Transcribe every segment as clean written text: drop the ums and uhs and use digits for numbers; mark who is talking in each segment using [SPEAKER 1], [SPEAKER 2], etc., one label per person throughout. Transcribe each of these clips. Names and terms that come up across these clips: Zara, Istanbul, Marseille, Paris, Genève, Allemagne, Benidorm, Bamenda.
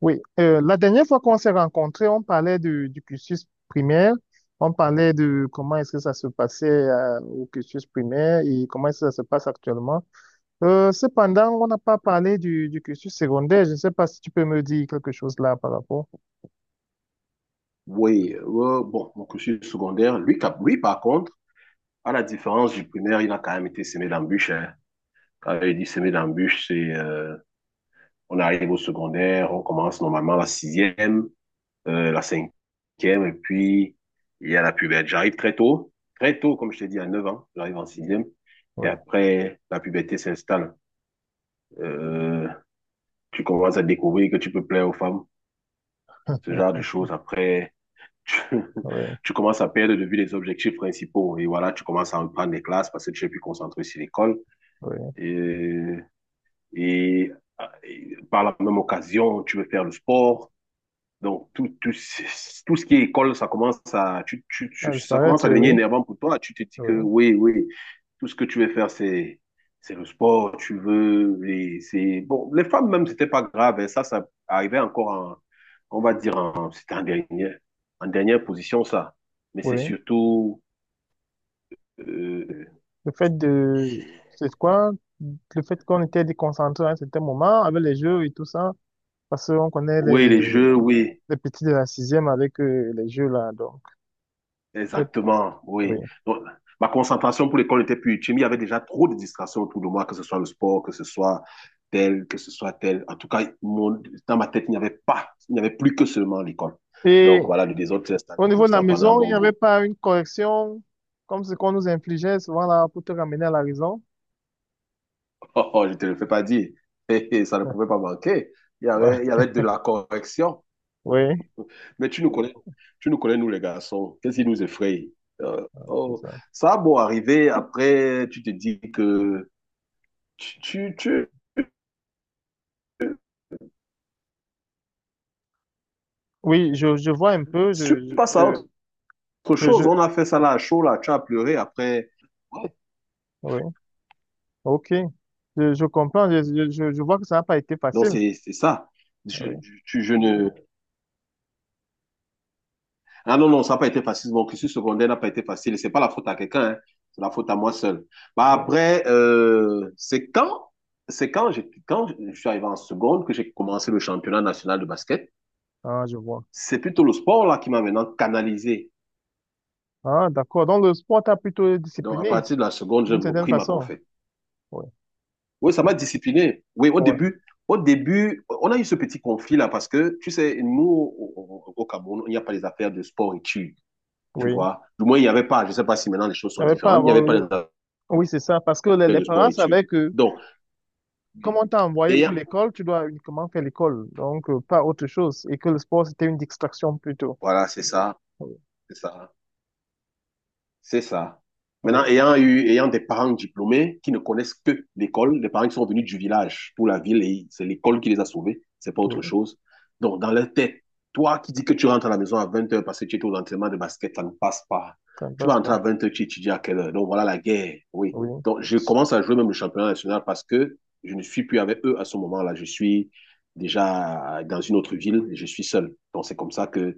[SPEAKER 1] Oui, la dernière fois qu'on s'est rencontrés, on parlait du cursus primaire, on parlait de comment est-ce que ça se passait au cursus primaire et comment est-ce que ça se passe actuellement. Cependant, on n'a pas parlé du cursus secondaire. Je ne sais pas si tu peux me dire quelque chose là par rapport.
[SPEAKER 2] Oui, bon, mon cursus secondaire, lui, lui, par contre, à la différence du primaire, il a quand même été semé d'embûches, hein. Quand il dit semé d'embûches, c'est on arrive au secondaire, on commence normalement la sixième, la cinquième, et puis il y a la puberté. J'arrive très tôt, comme je t'ai dit, à 9 ans, j'arrive en sixième, et
[SPEAKER 1] Oui,
[SPEAKER 2] après, la puberté s'installe. Euh, Tu commences à découvrir que tu peux plaire aux femmes, ce genre de choses. Après, tu,
[SPEAKER 1] oui,
[SPEAKER 2] tu commences à perdre de vue les objectifs principaux. Et voilà, tu commences à reprendre les classes parce que tu es plus concentré sur l'école.
[SPEAKER 1] oui.
[SPEAKER 2] Et, et, et par la même occasion, tu veux faire le sport. Donc, tout ce qui est école, ça commence à,
[SPEAKER 1] À
[SPEAKER 2] ça commence
[SPEAKER 1] disparaître,
[SPEAKER 2] à devenir
[SPEAKER 1] oui.
[SPEAKER 2] énervant pour toi. Tu te dis que
[SPEAKER 1] Oui,
[SPEAKER 2] oui, oui, tout ce que tu veux faire, c'est le sport, tu veux, c'est, bon, les femmes même, c'était pas grave, hein. Ça arrivait encore en, on va dire, en, c'était en dernière position, ça. Mais c'est
[SPEAKER 1] oui.
[SPEAKER 2] surtout, euh,
[SPEAKER 1] Le fait de... C'est quoi? Le fait qu'on était déconcentré à un certain moment avec les jeux et tout ça, parce qu'on connaît
[SPEAKER 2] oui, les jeux, oui.
[SPEAKER 1] les petits de la sixième avec les jeux là, donc peut-être,
[SPEAKER 2] Exactement,
[SPEAKER 1] oui.
[SPEAKER 2] oui. Donc, ma concentration pour l'école n'était plus utile, mais il y avait déjà trop de distractions autour de moi, que ce soit le sport, que ce soit tel, que ce soit tel. En tout cas, dans ma tête, il n'y avait pas, il n'y avait plus que seulement l'école. Donc
[SPEAKER 1] Et
[SPEAKER 2] voilà, le désordre s'est installé
[SPEAKER 1] au niveau
[SPEAKER 2] comme
[SPEAKER 1] de la
[SPEAKER 2] ça pendant un
[SPEAKER 1] maison, il
[SPEAKER 2] bon
[SPEAKER 1] n'y avait
[SPEAKER 2] bout.
[SPEAKER 1] pas une correction comme ce qu'on nous infligeait souvent là pour te ramener à la raison?
[SPEAKER 2] Oh, oh, je ne te le fais pas dire. Hé, hé, ça ne pouvait pas manquer.
[SPEAKER 1] Ouais.
[SPEAKER 2] Il y avait de la correction.
[SPEAKER 1] Oui,
[SPEAKER 2] Mais tu nous connais, nous les garçons. Qu'est-ce qui nous effraie?
[SPEAKER 1] c'est
[SPEAKER 2] Oh,
[SPEAKER 1] ça.
[SPEAKER 2] ça a beau arriver, après, tu te dis que tu, tu, tu-
[SPEAKER 1] Oui, je vois un peu,
[SPEAKER 2] si tu passes à
[SPEAKER 1] je,
[SPEAKER 2] autre
[SPEAKER 1] je, je,
[SPEAKER 2] chose,
[SPEAKER 1] je-
[SPEAKER 2] on a fait ça là à chaud, là, tu as pleuré après. Ouais,
[SPEAKER 1] oui, ok. Je comprends, je vois que ça n'a pas été
[SPEAKER 2] non,
[SPEAKER 1] facile.
[SPEAKER 2] c'est ça. Je,
[SPEAKER 1] Oui,
[SPEAKER 2] je ne. Ah non, non, ça n'a pas été facile. Mon cursus secondaire n'a pas été facile. Et ce n'est pas la faute à quelqu'un, hein. C'est la faute à moi seul. Bah,
[SPEAKER 1] oui.
[SPEAKER 2] après, c'est quand, quand je suis arrivé en seconde que j'ai commencé le championnat national de basket.
[SPEAKER 1] Ah, je vois.
[SPEAKER 2] C'est plutôt le sport là qui m'a maintenant canalisé.
[SPEAKER 1] Ah, d'accord. Donc, le sport t'a plutôt
[SPEAKER 2] Donc, à
[SPEAKER 1] discipliné,
[SPEAKER 2] partir de la seconde, j'ai
[SPEAKER 1] d'une certaine
[SPEAKER 2] repris ma
[SPEAKER 1] façon.
[SPEAKER 2] conférence.
[SPEAKER 1] Oui,
[SPEAKER 2] Oui, ça m'a discipliné. Oui,
[SPEAKER 1] ouais
[SPEAKER 2] au début, on a eu ce petit conflit-là parce que, tu sais, nous, au, au Cameroun, il n'y a pas les affaires de sport-études, tu
[SPEAKER 1] oui.
[SPEAKER 2] vois. Du moins, il n'y avait pas. Je ne sais pas si maintenant les choses sont
[SPEAKER 1] T'avais pas à
[SPEAKER 2] différentes. Il n'y avait pas les
[SPEAKER 1] avoir-
[SPEAKER 2] affaires
[SPEAKER 1] Oui, c'est ça. Parce que les
[SPEAKER 2] de
[SPEAKER 1] parents
[SPEAKER 2] sport-études.
[SPEAKER 1] savaient que,
[SPEAKER 2] Donc,
[SPEAKER 1] comme
[SPEAKER 2] oui.
[SPEAKER 1] on t'a
[SPEAKER 2] et
[SPEAKER 1] envoyé
[SPEAKER 2] il y
[SPEAKER 1] pour
[SPEAKER 2] a-
[SPEAKER 1] l'école, tu dois uniquement faire l'école. Donc, pas autre chose. Et que le sport, c'était une distraction plutôt.
[SPEAKER 2] voilà, c'est ça,
[SPEAKER 1] Oui,
[SPEAKER 2] c'est ça. C'est ça.
[SPEAKER 1] oui,
[SPEAKER 2] Maintenant, ayant eu, ayant des parents diplômés qui ne connaissent que l'école, des parents qui sont venus du village pour la ville et c'est l'école qui les a sauvés, c'est pas autre
[SPEAKER 1] oui.
[SPEAKER 2] chose. Donc, dans leur tête, toi qui dis que tu rentres à la maison à 20h parce que tu étais aux entraînements de basket, ça ne passe pas.
[SPEAKER 1] Ça ne
[SPEAKER 2] Tu vas
[SPEAKER 1] passe
[SPEAKER 2] rentrer
[SPEAKER 1] pas.
[SPEAKER 2] à 20h, tu étudies à quelle heure? Donc, voilà la guerre. Oui.
[SPEAKER 1] Oui.
[SPEAKER 2] Donc, je commence à jouer même le championnat national parce que je ne suis plus avec eux à ce moment-là. Je suis déjà dans une autre ville et je suis seul. Donc, c'est comme ça que,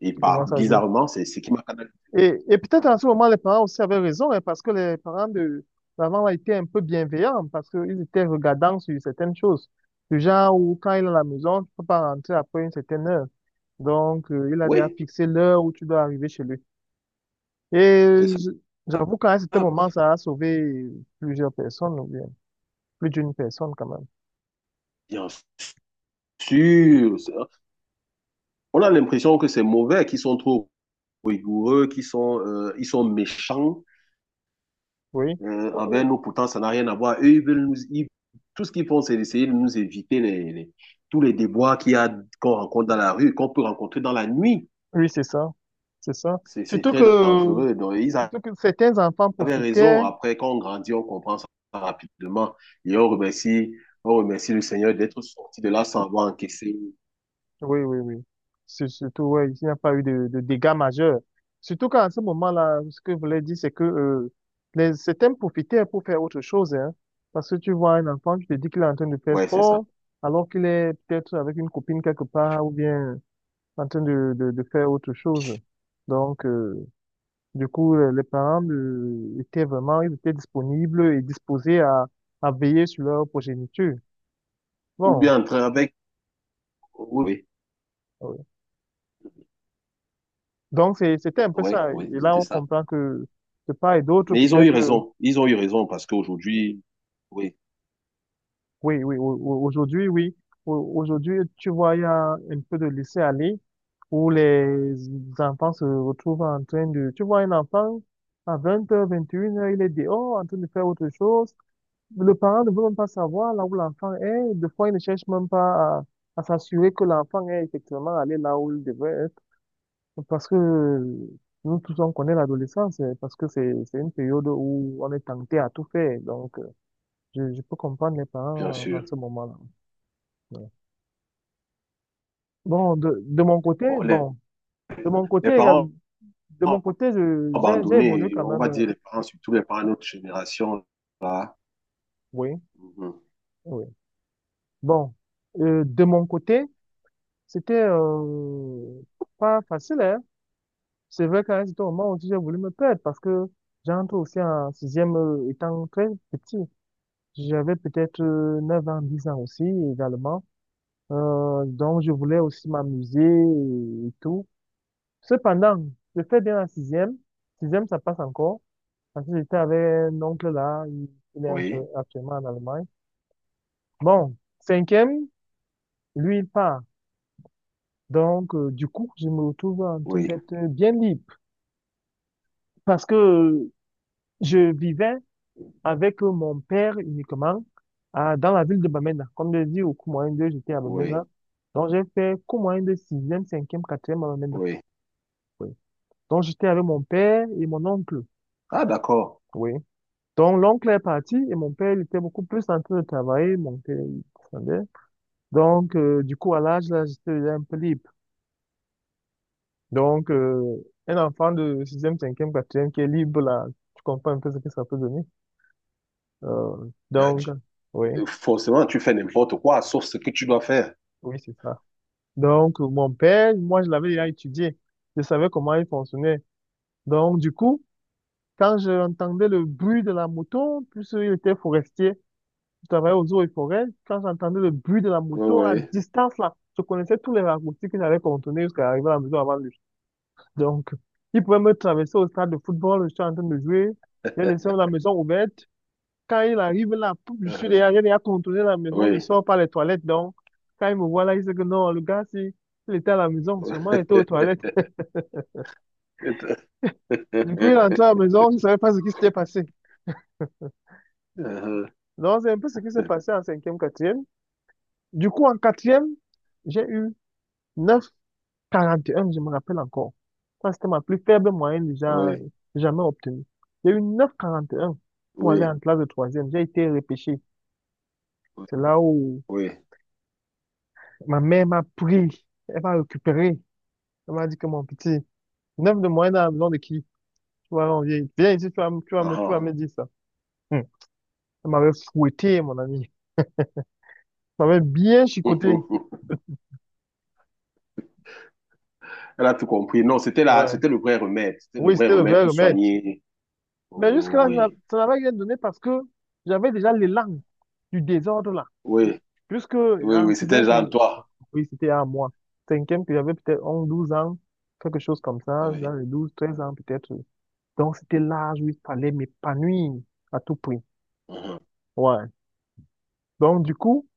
[SPEAKER 2] et
[SPEAKER 1] Tu
[SPEAKER 2] par,
[SPEAKER 1] commences à jouer.
[SPEAKER 2] bizarrement, c'est ce qui m'a canalisé.
[SPEAKER 1] Et peut-être à ce moment, les parents aussi avaient raison, hein, parce que les parents de l'avant a été un peu bienveillants, parce qu'ils étaient regardants sur certaines choses. Du genre où, quand il est à la maison, tu ne peux pas rentrer après une certaine heure. Donc, il a déjà
[SPEAKER 2] Oui,
[SPEAKER 1] fixé l'heure où tu dois arriver chez lui. Et
[SPEAKER 2] c'est ça.
[SPEAKER 1] j'avoue qu'à un certain moment, ça a sauvé plusieurs personnes, ou bien plus d'une personne quand même.
[SPEAKER 2] Bien sûr. On a l'impression que c'est mauvais, qu'ils sont trop rigoureux, ils sont méchants
[SPEAKER 1] Oui, Euh,
[SPEAKER 2] envers nous. Pourtant, ça n'a rien à voir. Eux, ils veulent nous, ils- tout ce qu'ils font, c'est d'essayer de nous éviter tous les déboires qu'il y a, qu'on rencontre dans la rue, qu'on peut rencontrer dans la nuit.
[SPEAKER 1] oui, c'est ça. C'est ça.
[SPEAKER 2] C'est
[SPEAKER 1] Surtout
[SPEAKER 2] très
[SPEAKER 1] que,
[SPEAKER 2] dangereux. Donc, ils avaient
[SPEAKER 1] surtout que certains enfants
[SPEAKER 2] raison.
[SPEAKER 1] profitaient.
[SPEAKER 2] Après, quand on grandit, on comprend ça rapidement. Et on remercie, on remercie le Seigneur d'être sorti de là sans avoir encaissé.
[SPEAKER 1] Oui, oui, oui. C'est surtout, ouais, il n'y a pas eu de dégâts majeurs. Surtout qu'à ce moment-là, ce que je voulais dire, c'est que certains profitaient pour faire autre chose. Hein, parce que tu vois un enfant, tu te dis qu'il est en train de faire
[SPEAKER 2] Ouais, c'est ça.
[SPEAKER 1] sport, alors qu'il est peut-être avec une copine quelque part ou bien en train de faire autre chose. Donc, du coup, les parents étaient vraiment, ils étaient disponibles et disposés à veiller sur leur progéniture.
[SPEAKER 2] Ou
[SPEAKER 1] Bon,
[SPEAKER 2] bien entrer avec. Oui.
[SPEAKER 1] euh, Donc, c'est- c'était un peu
[SPEAKER 2] Oui,
[SPEAKER 1] ça.
[SPEAKER 2] oui,
[SPEAKER 1] Et là,
[SPEAKER 2] c'était
[SPEAKER 1] on
[SPEAKER 2] ça.
[SPEAKER 1] comprend que de part et d'autre,
[SPEAKER 2] Mais ils ont eu
[SPEAKER 1] peut-être,
[SPEAKER 2] raison. Ils ont eu raison parce qu'aujourd'hui, oui,
[SPEAKER 1] oui, oui, aujourd'hui, oui. Aujourd'hui, tu vois, il y a un peu de laisser-aller où les enfants se retrouvent en train de, tu vois, un enfant à 20h, 21h, il est dehors en train de faire autre chose. Le parent ne veut même pas savoir là où l'enfant est. Des fois, il ne cherche même pas à s'assurer que l'enfant est effectivement allé là où il devrait. Parce que nous tous, on connaît l'adolescence, parce que c'est une période où on est tenté à tout faire. Donc, je peux comprendre les
[SPEAKER 2] bien
[SPEAKER 1] parents en
[SPEAKER 2] sûr.
[SPEAKER 1] ce moment-là. Ouais. Bon, de mon côté,
[SPEAKER 2] Bon,
[SPEAKER 1] de mon côté,
[SPEAKER 2] les
[SPEAKER 1] euh,
[SPEAKER 2] parents
[SPEAKER 1] de mon côté, j'ai évolué
[SPEAKER 2] abandonnés,
[SPEAKER 1] quand
[SPEAKER 2] on
[SPEAKER 1] même.
[SPEAKER 2] va dire les parents, surtout les parents de notre génération, là.
[SPEAKER 1] Oui,
[SPEAKER 2] Mhm.
[SPEAKER 1] oui. Bon, de mon côté, c'était pas facile, hein. C'est vrai qu'à un certain moment aussi, j'ai voulu me perdre parce que j'entre aussi en sixième étant très petit. J'avais peut-être 9 ans, 10 ans aussi également. Donc, je voulais aussi m'amuser et tout. Cependant, je fais bien la sixième. Sixième, ça passe encore. Parce que j'étais avec un oncle là, il est
[SPEAKER 2] Oui,
[SPEAKER 1] actuellement en Allemagne. Bon, cinquième, lui, il part. Donc, du coup, je me retrouve en train
[SPEAKER 2] oui,
[SPEAKER 1] d'être bien libre. Parce que je vivais avec mon père uniquement dans la ville de Bamenda. Comme je dis, au cours moyen 2, j'étais à
[SPEAKER 2] oui,
[SPEAKER 1] Bamenda. Donc, j'ai fait cours moyen de sixième cinquième quatrième à Bamenda.
[SPEAKER 2] oui.
[SPEAKER 1] Oui. Donc, j'étais avec mon père et mon oncle.
[SPEAKER 2] Ah, d'accord.
[SPEAKER 1] Oui. Donc, l'oncle est parti et mon père, il était beaucoup plus en train de travailler. Mon père, il descendait. Donc, du coup, à l'âge, là, j'étais déjà un peu libre. Donc, un enfant de sixième cinquième quatrième qui est libre, là, tu comprends un peu ce que ça peut donner. Euh,
[SPEAKER 2] Euh,
[SPEAKER 1] donc,
[SPEAKER 2] tu-
[SPEAKER 1] oui,
[SPEAKER 2] Forcément, tu fais n'importe quoi, sauf ce que tu dois faire.
[SPEAKER 1] oui, c'est ça. Donc, mon père, moi, je l'avais déjà étudié. Je savais comment il fonctionnait. Donc, du coup, quand j'entendais le bruit de la moto, puisque il était forestier, je travaillais aux eaux et forêts, quand j'entendais le bruit de la
[SPEAKER 2] Oui,
[SPEAKER 1] moto à
[SPEAKER 2] oui,
[SPEAKER 1] distance, là, je connaissais tous les raccourcis que j'allais contourner jusqu'à arriver à la maison avant lui. Donc, il pouvait me traverser au stade de football, je suis en train de jouer, j'ai laissé la maison ouverte. Quand il arrive là, pouf, je suis
[SPEAKER 2] Uhum.
[SPEAKER 1] derrière, j'ai déjà contourné la maison, je
[SPEAKER 2] Oui.
[SPEAKER 1] sors par les toilettes. Donc, quand il me voit là, il sait que non, le gars, si il était à la maison, seulement il était aux toilettes. Du coup, il est entré à la maison, il ne savait pas ce qui s'était passé.
[SPEAKER 2] Uhum.
[SPEAKER 1] Donc, c'est un peu ce qui s'est passé en cinquième, quatrième. Du coup, en quatrième, j'ai eu 9,41, je me rappelle encore. Ça, c'était ma plus faible moyenne déjà
[SPEAKER 2] Oui,
[SPEAKER 1] jamais obtenue. J'ai eu neuf virgule quarante et un pour
[SPEAKER 2] oui,
[SPEAKER 1] aller en classe de troisième. J'ai été repêché. C'est là où
[SPEAKER 2] oui.
[SPEAKER 1] ma mère m'a pris. Elle m'a récupéré. Elle m'a dit que mon petit, 9 de moyenne à la maison de qui? Tu vas envier. Viens ici, tu vas
[SPEAKER 2] Ah,
[SPEAKER 1] me dire ça. Hmm. Elle m'avait fouetté, mon ami. Elle m'avait bien chicoté.
[SPEAKER 2] Uhum. Elle a tout compris. Non, c'était la,
[SPEAKER 1] Ouais.
[SPEAKER 2] c'était le vrai remède. C'était le
[SPEAKER 1] Oui,
[SPEAKER 2] vrai
[SPEAKER 1] c'était le
[SPEAKER 2] remède
[SPEAKER 1] vrai
[SPEAKER 2] pour
[SPEAKER 1] remède.
[SPEAKER 2] soigner.
[SPEAKER 1] Mais jusque-là, je n'a-
[SPEAKER 2] Oui,
[SPEAKER 1] ça n'avait rien donné parce que j'avais déjà l'élan du désordre là.
[SPEAKER 2] oui,
[SPEAKER 1] Puisque
[SPEAKER 2] oui,
[SPEAKER 1] en
[SPEAKER 2] oui.
[SPEAKER 1] sixième,
[SPEAKER 2] C'était Jean, toi.
[SPEAKER 1] oui, c'était à moi. Cinquième, puis j'avais peut-être 11 12 ans, quelque chose comme ça,
[SPEAKER 2] Oui,
[SPEAKER 1] dans les 12, 13 ans peut-être. Donc c'était l'âge où il fallait m'épanouir à tout prix.
[SPEAKER 2] Uhum.
[SPEAKER 1] Ouais. Donc du coup,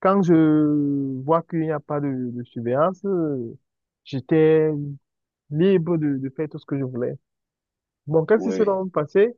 [SPEAKER 1] quand je vois qu'il n'y a pas de surveillance, j'étais libre de faire tout ce que je voulais. Bon, qu'est-ce qui s'est
[SPEAKER 2] Oui,
[SPEAKER 1] donc passé?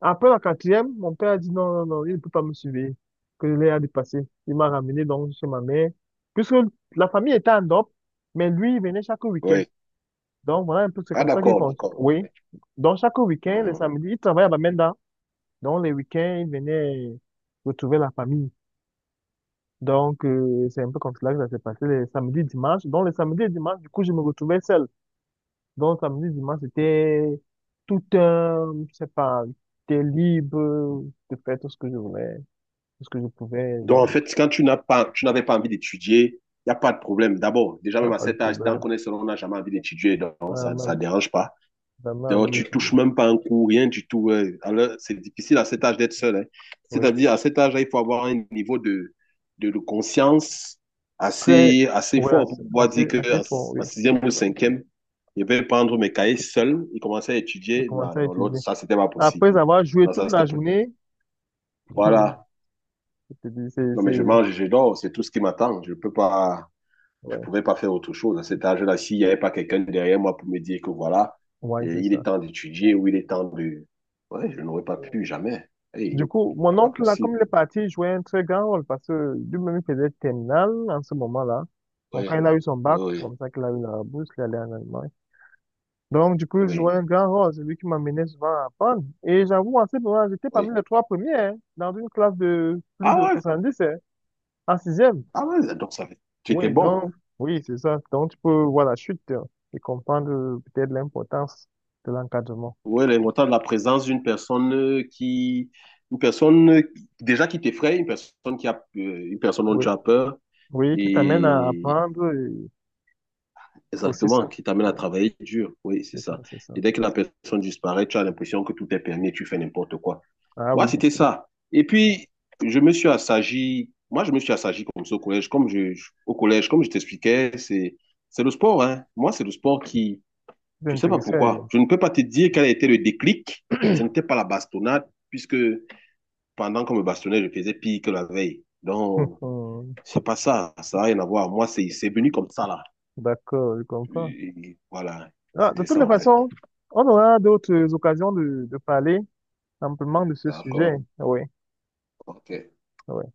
[SPEAKER 1] Après la quatrième, mon père a dit non, non, non, il ne peut pas me suivre, que je l'ai à dépasser. Il m'a ramené donc chez ma mère, puisque la famille était en Europe, mais lui, il venait chaque week-end.
[SPEAKER 2] oui.
[SPEAKER 1] Donc voilà un peu, c'est
[SPEAKER 2] Ah,
[SPEAKER 1] comme ça qu'il
[SPEAKER 2] d'accord,
[SPEAKER 1] pense.
[SPEAKER 2] d'accord.
[SPEAKER 1] Oui.
[SPEAKER 2] Oui.
[SPEAKER 1] Donc chaque week-end, le
[SPEAKER 2] Uhum.
[SPEAKER 1] samedi, il travaillait à Bamenda. Donc les week-ends, il venait retrouver la famille. Donc, c'est un peu comme cela que ça s'est passé les samedis, dimanches. Donc les samedis et dimanches, du coup, je me retrouvais seul. Donc samedi, dimanche, c'était tout un, je sais pas, j'étais libre de faire tout ce que je voulais, tout ce que je pouvais,
[SPEAKER 2] Donc, en
[SPEAKER 1] donc,
[SPEAKER 2] fait, quand tu n'as pas, tu n'avais pas envie d'étudier, il n'y a pas de problème. D'abord, déjà,
[SPEAKER 1] ah,
[SPEAKER 2] même à
[SPEAKER 1] pas de
[SPEAKER 2] cet âge, tant
[SPEAKER 1] problème.
[SPEAKER 2] qu'on est seul, on n'a jamais envie d'étudier, donc ça
[SPEAKER 1] Vraiment,
[SPEAKER 2] ne dérange pas.
[SPEAKER 1] vraiment envie
[SPEAKER 2] Donc, tu
[SPEAKER 1] d'étudier.
[SPEAKER 2] touches même pas un coup, rien du tout. Ouais. Alors, c'est difficile à cet âge d'être seul, hein.
[SPEAKER 1] Oui.
[SPEAKER 2] C'est-à-dire, à cet âge-là, il faut avoir un niveau de, de conscience
[SPEAKER 1] Très,
[SPEAKER 2] assez, assez
[SPEAKER 1] oui,
[SPEAKER 2] fort pour
[SPEAKER 1] assez,
[SPEAKER 2] pouvoir
[SPEAKER 1] assez,
[SPEAKER 2] dire que
[SPEAKER 1] assez fort, oui.
[SPEAKER 2] en sixième ou cinquième, je vais prendre mes cahiers seul et commencer à
[SPEAKER 1] J'ai
[SPEAKER 2] étudier. Non,
[SPEAKER 1] commencé à
[SPEAKER 2] non, l'autre,
[SPEAKER 1] étudier.
[SPEAKER 2] ça, c'était pas possible.
[SPEAKER 1] Après avoir joué
[SPEAKER 2] Non, ça,
[SPEAKER 1] toute
[SPEAKER 2] c'était
[SPEAKER 1] la
[SPEAKER 2] pas...
[SPEAKER 1] journée, je
[SPEAKER 2] Voilà.
[SPEAKER 1] te dis, c'est,
[SPEAKER 2] Non,
[SPEAKER 1] c'est,
[SPEAKER 2] mais je mange, je dors, c'est tout ce qui m'attend. Je peux pas. Je ne
[SPEAKER 1] ouais,
[SPEAKER 2] pouvais pas faire autre chose. À cet âge-là, s'il n'y avait pas quelqu'un derrière moi pour me dire que voilà,
[SPEAKER 1] ouais, c'est
[SPEAKER 2] il est
[SPEAKER 1] ça.
[SPEAKER 2] temps d'étudier ou il est temps de... Ouais, je n'aurais pas pu, jamais.
[SPEAKER 1] Du
[SPEAKER 2] Hey,
[SPEAKER 1] coup, mon
[SPEAKER 2] c'est pas
[SPEAKER 1] oncle, là, comme
[SPEAKER 2] possible.
[SPEAKER 1] il est parti, il jouait un très grand rôle parce que lui-même, il faisait terminale en ce moment-là. Donc,
[SPEAKER 2] Oui,
[SPEAKER 1] quand il a eu son bac, c'est
[SPEAKER 2] oui,
[SPEAKER 1] comme ça qu'il a eu la bourse, il est allé en Allemagne. Donc, du coup, je jouais
[SPEAKER 2] oui,
[SPEAKER 1] un grand rôle. C'est lui qui m'amenait souvent à apprendre. Et j'avoue, en ce moment, j'étais
[SPEAKER 2] oui.
[SPEAKER 1] parmi les trois premiers, hein, dans une classe de plus
[SPEAKER 2] Ah
[SPEAKER 1] de
[SPEAKER 2] ouais,
[SPEAKER 1] 70, hein, en sixième.
[SPEAKER 2] ah ouais, donc ça fait... Tu étais
[SPEAKER 1] Oui,
[SPEAKER 2] bon.
[SPEAKER 1] donc, oui, c'est ça. Donc, tu peux voir la chute, hein, et comprendre peut-être l'importance de l'encadrement.
[SPEAKER 2] Oui, l'importance de la présence d'une personne qui... Une personne déjà qui t'effraie, une personne qui a... une personne dont
[SPEAKER 1] Oui,
[SPEAKER 2] tu as peur
[SPEAKER 1] oui, qui t'amène à
[SPEAKER 2] et
[SPEAKER 1] apprendre et aussi
[SPEAKER 2] exactement,
[SPEAKER 1] ça.
[SPEAKER 2] qui t'amène à
[SPEAKER 1] Oui,
[SPEAKER 2] travailler dur. Oui, c'est
[SPEAKER 1] c'est ça,
[SPEAKER 2] ça.
[SPEAKER 1] c'est ça.
[SPEAKER 2] Et dès que la personne disparaît, tu as l'impression que tout est permis et tu fais n'importe quoi.
[SPEAKER 1] Ah
[SPEAKER 2] Moi,
[SPEAKER 1] oui,
[SPEAKER 2] c'était ça. Et puis, je me suis assagi. Moi, je me suis assagi comme ça au collège. Comme au collège, comme je t'expliquais, c'est le sport, hein. Moi, c'est le sport qui,
[SPEAKER 1] c'est
[SPEAKER 2] je sais pas
[SPEAKER 1] intéressant.
[SPEAKER 2] pourquoi. Je ne peux pas te dire quel a été le déclic. Ce n'était pas la bastonnade, puisque pendant qu'on me bastonnait, je faisais pire que la veille. Donc, c'est pas ça. Ça n'a rien à voir. Moi, c'est venu comme ça, là.
[SPEAKER 1] D'accord, je comprends.
[SPEAKER 2] Et voilà,
[SPEAKER 1] Ah, de
[SPEAKER 2] c'était
[SPEAKER 1] toutes
[SPEAKER 2] ça
[SPEAKER 1] les
[SPEAKER 2] en fait.
[SPEAKER 1] façons, on aura d'autres occasions de parler amplement de ce
[SPEAKER 2] D'accord,
[SPEAKER 1] sujet, oui.
[SPEAKER 2] ok.
[SPEAKER 1] Oui.